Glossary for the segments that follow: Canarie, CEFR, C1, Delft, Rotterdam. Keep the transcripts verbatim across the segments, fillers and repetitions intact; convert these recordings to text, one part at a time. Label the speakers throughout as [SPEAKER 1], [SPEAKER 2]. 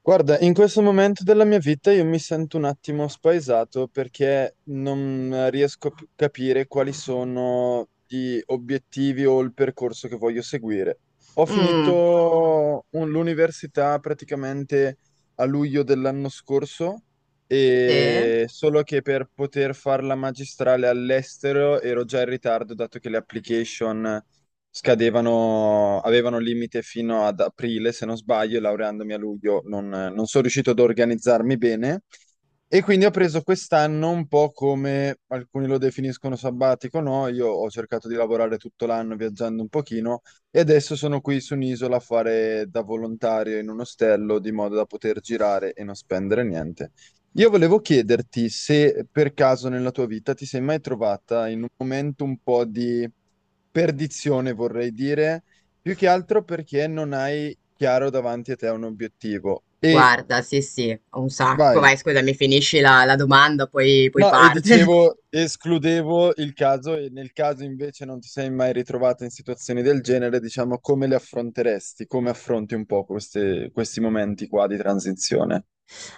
[SPEAKER 1] Guarda, in questo momento della mia vita io mi sento un attimo spaesato perché non riesco a pi- capire quali sono gli obiettivi o il percorso che voglio seguire. Ho finito
[SPEAKER 2] Mm,
[SPEAKER 1] un- l'università praticamente a luglio dell'anno scorso
[SPEAKER 2] sì,
[SPEAKER 1] e solo che per poter fare la magistrale all'estero ero già in ritardo dato che le application scadevano, avevano limite fino ad aprile, se non sbaglio, e laureandomi a luglio non, non sono riuscito ad organizzarmi bene e quindi ho preso quest'anno un po' come alcuni lo definiscono sabbatico, no? Io ho cercato di lavorare tutto l'anno viaggiando un pochino e adesso sono qui su un'isola a fare da volontario in un ostello di modo da poter girare e non spendere niente. Io volevo chiederti se per caso nella tua vita ti sei mai trovata in un momento un po' di perdizione, vorrei dire, più che altro perché non hai chiaro davanti a te un obiettivo. E
[SPEAKER 2] guarda, sì, sì, un sacco.
[SPEAKER 1] vai.
[SPEAKER 2] Vai, scusami, finisci la, la domanda, poi, poi
[SPEAKER 1] No, e
[SPEAKER 2] parte.
[SPEAKER 1] dicevo, escludevo il caso e nel caso invece non ti sei mai ritrovato in situazioni del genere, diciamo, come le affronteresti? Come affronti un po' queste- questi momenti qua di transizione?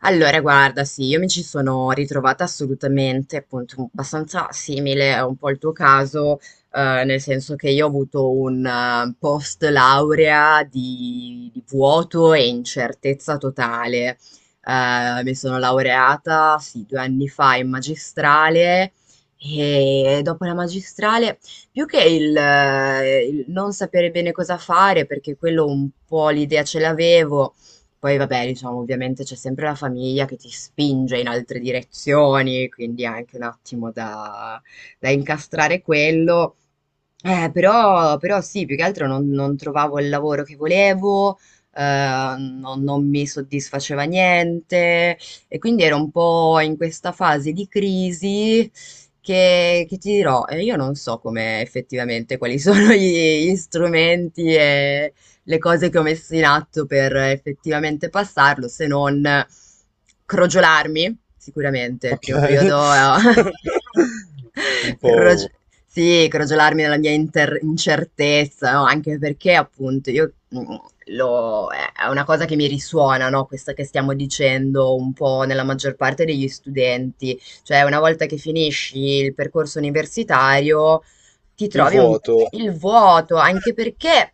[SPEAKER 2] Allora, guarda, sì, io mi ci sono ritrovata assolutamente, appunto, un- abbastanza simile a un po' il tuo caso, eh, nel senso che io ho avuto un eh, post laurea di, di vuoto e incertezza totale. Eh, mi sono laureata, sì, due anni fa in magistrale e dopo la magistrale, più che il, eh, il non sapere bene cosa fare, perché quello un po' l'idea ce l'avevo poi vabbè, diciamo, ovviamente c'è sempre la famiglia che ti spinge in altre direzioni, quindi è anche un attimo da, da incastrare quello. Eh, però, però sì, più che altro non, non trovavo il lavoro che volevo, eh, non, non mi soddisfaceva niente e quindi ero un po' in questa fase di crisi che, che ti dirò, eh, io non so come effettivamente quali sono gli, gli strumenti e, le cose che ho messo in atto per effettivamente passarlo, se non crogiolarmi. Sicuramente il
[SPEAKER 1] Ok.
[SPEAKER 2] primo periodo eh,
[SPEAKER 1] Un
[SPEAKER 2] Crog
[SPEAKER 1] po'
[SPEAKER 2] sì, crogiolarmi nella mia inter incertezza, no, anche perché appunto io, mhmm, lo è è una cosa che mi risuona, no, questa che stiamo dicendo un po' nella maggior parte degli studenti. Cioè una volta che finisci il percorso universitario ti
[SPEAKER 1] il
[SPEAKER 2] trovi un
[SPEAKER 1] vuoto.
[SPEAKER 2] il vuoto, anche perché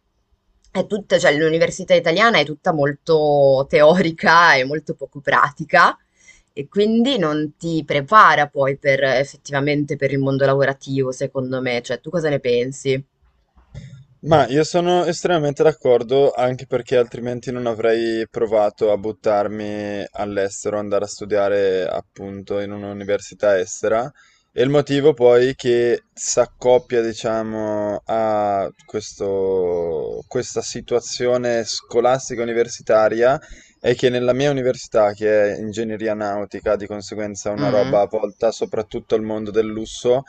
[SPEAKER 2] è tutta cioè l'università italiana è tutta molto teorica e molto poco pratica. E quindi non ti prepara poi per effettivamente per il mondo lavorativo, secondo me. Cioè, tu cosa ne pensi?
[SPEAKER 1] Ma io sono estremamente d'accordo, anche perché altrimenti non avrei provato a buttarmi all'estero, andare a studiare appunto in un'università estera. E il motivo poi che s'accoppia, diciamo, a questo- questa situazione scolastica universitaria è che nella mia università, che è ingegneria nautica, di conseguenza una
[SPEAKER 2] Mm.
[SPEAKER 1] roba volta soprattutto al mondo del lusso,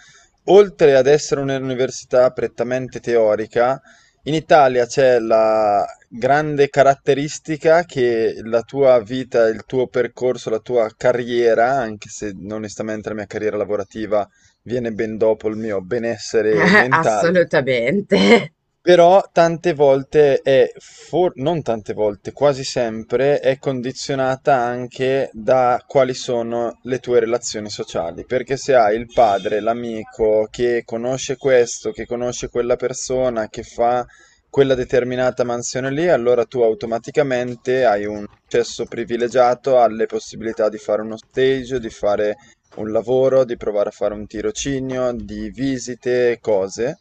[SPEAKER 1] oltre ad essere un'università prettamente teorica, in Italia c'è la grande caratteristica che la tua vita, il tuo percorso, la tua carriera, anche se onestamente la mia carriera lavorativa viene ben dopo il mio benessere mentale,
[SPEAKER 2] Assolutamente.
[SPEAKER 1] però tante volte è, for- non tante volte, quasi sempre è condizionata anche da quali sono le tue relazioni sociali. Perché se hai il padre, l'amico che conosce questo, che conosce quella persona, che fa quella determinata mansione lì, allora tu automaticamente hai un accesso privilegiato alle possibilità di fare uno stage, di fare un lavoro, di provare a fare un tirocinio, di visite, cose.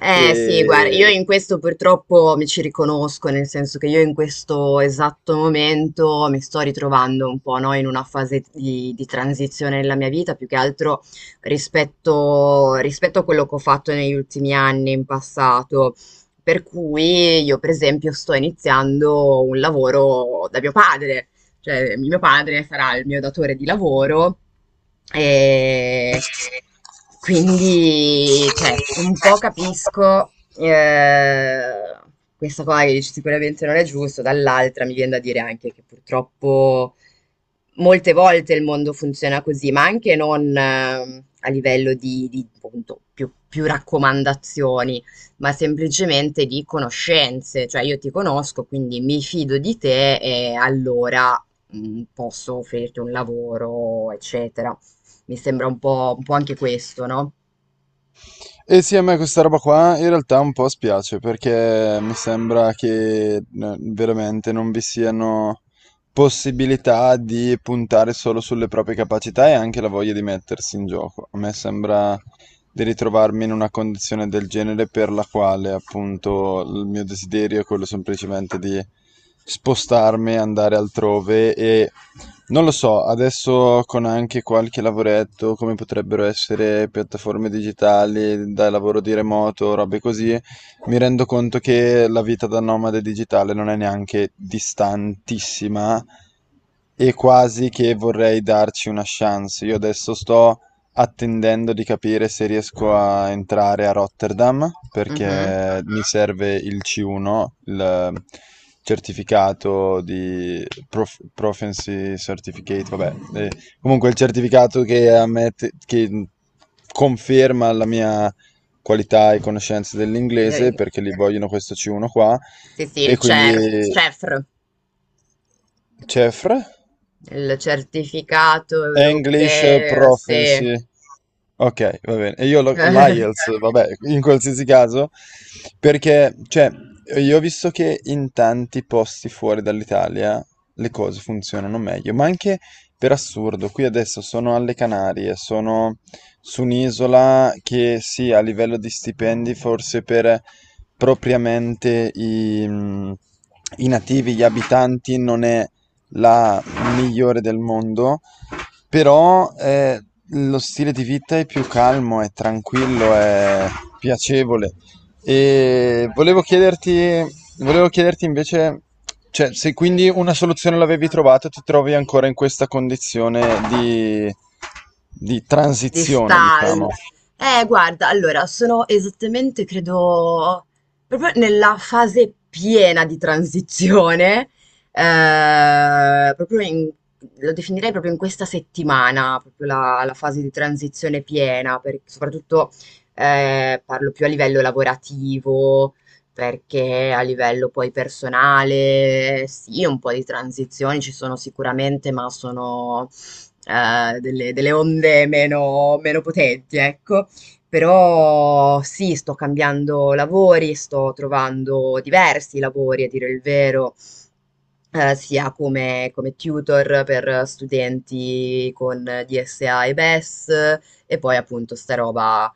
[SPEAKER 2] Eh sì, guarda,
[SPEAKER 1] E,
[SPEAKER 2] io in questo purtroppo mi ci riconosco, nel senso che io in questo esatto momento mi sto ritrovando un po', no, in una fase di, di transizione nella mia vita, più che altro rispetto, rispetto a quello che ho fatto negli ultimi anni in passato. Per cui io, per esempio, sto iniziando un lavoro da mio padre. Cioè, mio padre sarà il mio datore di lavoro e quindi, cioè, un po' capisco eh, questa cosa che dici sicuramente non è giusto, dall'altra mi viene da dire anche che purtroppo molte volte il mondo funziona così, ma anche non eh, a livello di, di, appunto, più, più raccomandazioni, ma semplicemente di conoscenze. Cioè, io ti conosco, quindi mi fido di te e allora mh, posso offrirti un lavoro, eccetera. Mi sembra un po', un po' anche questo, no?
[SPEAKER 1] E sì, a me questa roba qua in realtà un po' spiace perché mi sembra che eh, veramente non vi siano possibilità di puntare solo sulle proprie capacità e anche la voglia di mettersi in gioco. A me sembra di ritrovarmi in una condizione del genere per la quale appunto il mio desiderio è quello semplicemente di spostarmi, andare altrove e non lo so, adesso con anche qualche lavoretto, come potrebbero essere piattaforme digitali, da lavoro di remoto, robe così, mi rendo conto che la vita da nomade digitale non è neanche distantissima e quasi che vorrei darci una chance. Io adesso sto attendendo di capire se riesco a entrare a Rotterdam
[SPEAKER 2] Mhm.
[SPEAKER 1] perché mi serve il C uno, il certificato di prof- Proficiency Certificate, vabbè, eh, comunque il certificato che, ammette- che conferma la mia qualità e conoscenza dell'inglese
[SPEAKER 2] Eh,
[SPEAKER 1] perché li vogliono questo C uno qua
[SPEAKER 2] Sì, sì, il
[SPEAKER 1] e quindi
[SPEAKER 2] C E R F C E R F R,
[SPEAKER 1] C E F R.
[SPEAKER 2] il certificato
[SPEAKER 1] English
[SPEAKER 2] europeo, sì.
[SPEAKER 1] Proficiency. Ok, va bene. E io lo- l'IELTS, vabbè, in qualsiasi caso, perché, cioè, io ho visto che in tanti posti fuori dall'Italia le cose funzionano meglio, ma anche per assurdo, qui adesso sono alle Canarie, sono su un'isola che sì, a livello di stipendi, forse per propriamente i, mm, i nativi, gli abitanti, non è la migliore del mondo. Però eh, lo stile di vita è più calmo, è tranquillo, è piacevole. E volevo chiederti, volevo chiederti invece, cioè, se quindi una soluzione l'avevi trovata, ti trovi ancora in questa condizione di, di
[SPEAKER 2] Di
[SPEAKER 1] transizione,
[SPEAKER 2] style.
[SPEAKER 1] diciamo.
[SPEAKER 2] Eh, guarda, allora, sono esattamente, credo, proprio nella fase piena di transizione, eh, proprio in- lo definirei proprio in questa settimana, proprio la, la fase di transizione piena, per- soprattutto eh, parlo più a livello lavorativo, perché a livello poi personale, sì, un po' di transizioni ci sono sicuramente, ma sono eh, delle, delle onde meno, meno potenti, ecco. Però sì, sto cambiando lavori, sto trovando diversi lavori, a dire il vero, eh, sia come, come tutor per studenti con D S A e B E S, e S, e poi appunto sta roba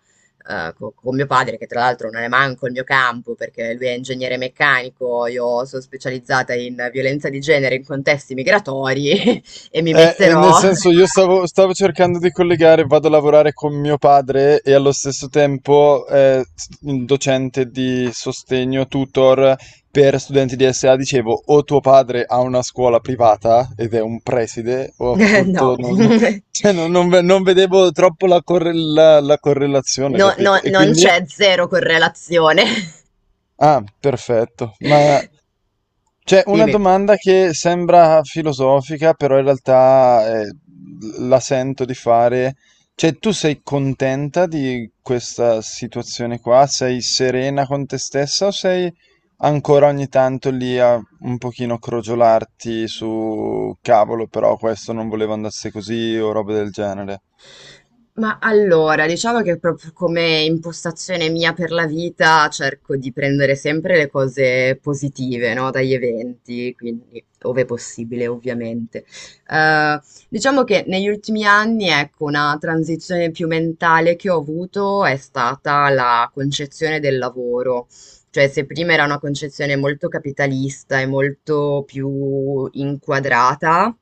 [SPEAKER 2] eh, co- con mio padre, che tra l'altro non è manco il mio campo, perché lui è ingegnere meccanico, io sono specializzata in violenza di genere in contesti migratori e mi
[SPEAKER 1] Eh, eh, nel
[SPEAKER 2] metterò.
[SPEAKER 1] senso, io stavo, stavo cercando di collegare, vado a lavorare con mio padre e allo stesso tempo eh, s- docente di sostegno, tutor per studenti di S A. Dicevo, o tuo padre ha una scuola privata ed è un preside, o
[SPEAKER 2] Eh, no.
[SPEAKER 1] appunto non, cioè, non- non ve- non vedevo troppo la, corre- la- la correlazione,
[SPEAKER 2] No,
[SPEAKER 1] capito?
[SPEAKER 2] no,
[SPEAKER 1] E
[SPEAKER 2] non
[SPEAKER 1] quindi.
[SPEAKER 2] c'è zero correlazione.
[SPEAKER 1] Ah, perfetto. Ma c'è una
[SPEAKER 2] Dimmi.
[SPEAKER 1] domanda che sembra filosofica, però in realtà eh, la sento di fare. Cioè, tu sei contenta di questa situazione qua? Sei serena con te stessa o sei ancora ogni tanto lì a un pochino crogiolarti su cavolo, però questo non voleva andasse così o roba del genere?
[SPEAKER 2] Ma allora, diciamo che proprio come impostazione mia per la vita cerco di prendere sempre le cose positive, no? Dagli eventi, quindi ove possibile, ovviamente. Eh, diciamo che negli ultimi anni, ecco, una transizione più mentale che ho avuto è stata la concezione del lavoro. Cioè, se prima era una concezione molto capitalista e molto più inquadrata,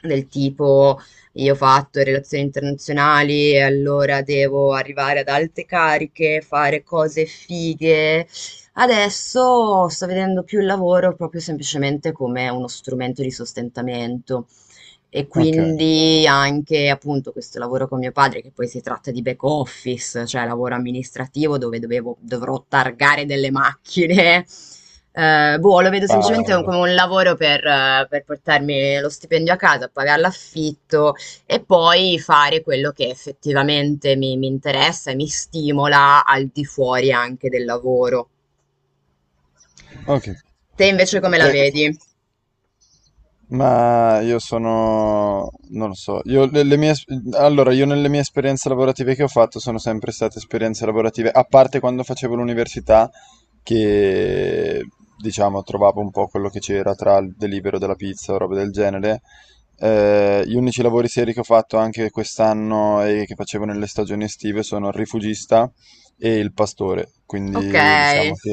[SPEAKER 2] del tipo io ho fatto relazioni internazionali e allora devo arrivare ad alte cariche, fare cose fighe. Adesso sto vedendo più il lavoro proprio semplicemente come uno strumento di sostentamento. E
[SPEAKER 1] Ok.
[SPEAKER 2] quindi anche appunto questo lavoro con mio padre, che poi si tratta di back office, cioè lavoro amministrativo dove dovevo- dovrò targare delle macchine. Eh, boh, lo vedo semplicemente un-
[SPEAKER 1] Cavolo.
[SPEAKER 2] come un lavoro per, eh, per portarmi lo stipendio a casa, pagare l'affitto e poi fare quello che effettivamente mi, mi interessa e mi stimola al di fuori anche del lavoro.
[SPEAKER 1] Ok,
[SPEAKER 2] Te
[SPEAKER 1] ho
[SPEAKER 2] invece
[SPEAKER 1] capito.
[SPEAKER 2] come la
[SPEAKER 1] Cioè,
[SPEAKER 2] vedi?
[SPEAKER 1] ma io sono, non lo so, io le, le mie, es- allora io nelle mie esperienze lavorative che ho fatto sono sempre state esperienze lavorative, a parte quando facevo l'università, che diciamo trovavo un po' quello che c'era tra il delibero della pizza o roba del genere. Eh, gli unici lavori seri che ho fatto anche quest'anno e che facevo nelle stagioni estive sono il rifugista e il pastore,
[SPEAKER 2] Ok,
[SPEAKER 1] quindi diciamo che...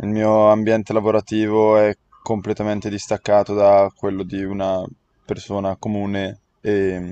[SPEAKER 1] Il mio ambiente lavorativo è completamente distaccato da quello di una persona comune e mm,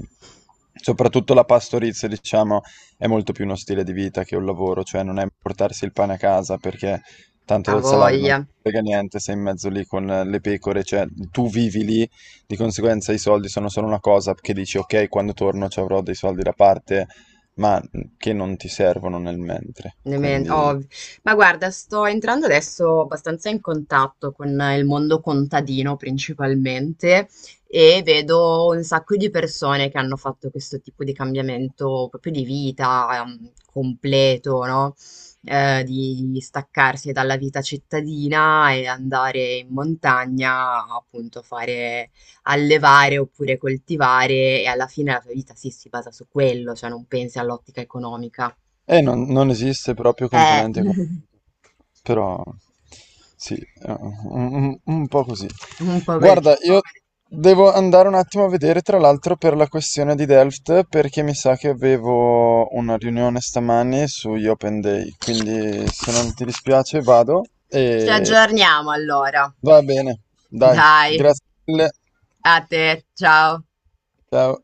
[SPEAKER 1] soprattutto la pastorizia, diciamo, è molto più uno stile di vita che un lavoro, cioè non è portarsi il pane a casa perché tanto
[SPEAKER 2] ha
[SPEAKER 1] del salario non
[SPEAKER 2] voglia.
[SPEAKER 1] ti frega niente, sei in mezzo lì con le pecore, cioè tu vivi lì, di conseguenza i soldi sono solo una cosa che dici ok, quando torno ci avrò dei soldi da parte, ma che non ti servono nel mentre,
[SPEAKER 2] Ne men-
[SPEAKER 1] quindi...
[SPEAKER 2] oh, ma guarda, sto entrando adesso abbastanza in contatto con eh, il mondo contadino principalmente e vedo un sacco di persone che hanno fatto questo tipo di cambiamento proprio di vita, ehm, completo, no? Eh, di di staccarsi dalla vita cittadina e andare in montagna, appunto, fare allevare oppure coltivare e alla fine la tua vita sì, si basa su quello, cioè non pensi all'ottica economica
[SPEAKER 1] Eh, non, non esiste proprio
[SPEAKER 2] eh,
[SPEAKER 1] componente economica, però sì, eh, un, un- un po' così.
[SPEAKER 2] un po' così.
[SPEAKER 1] Guarda, io devo andare un attimo a vedere, tra l'altro, per la questione di Delft, perché mi sa che avevo una riunione stamani sugli Open Day, quindi se non ti dispiace vado
[SPEAKER 2] Ci
[SPEAKER 1] e
[SPEAKER 2] aggiorniamo allora.
[SPEAKER 1] va bene, dai,
[SPEAKER 2] Dai,
[SPEAKER 1] grazie mille,
[SPEAKER 2] a te, ciao.
[SPEAKER 1] ciao.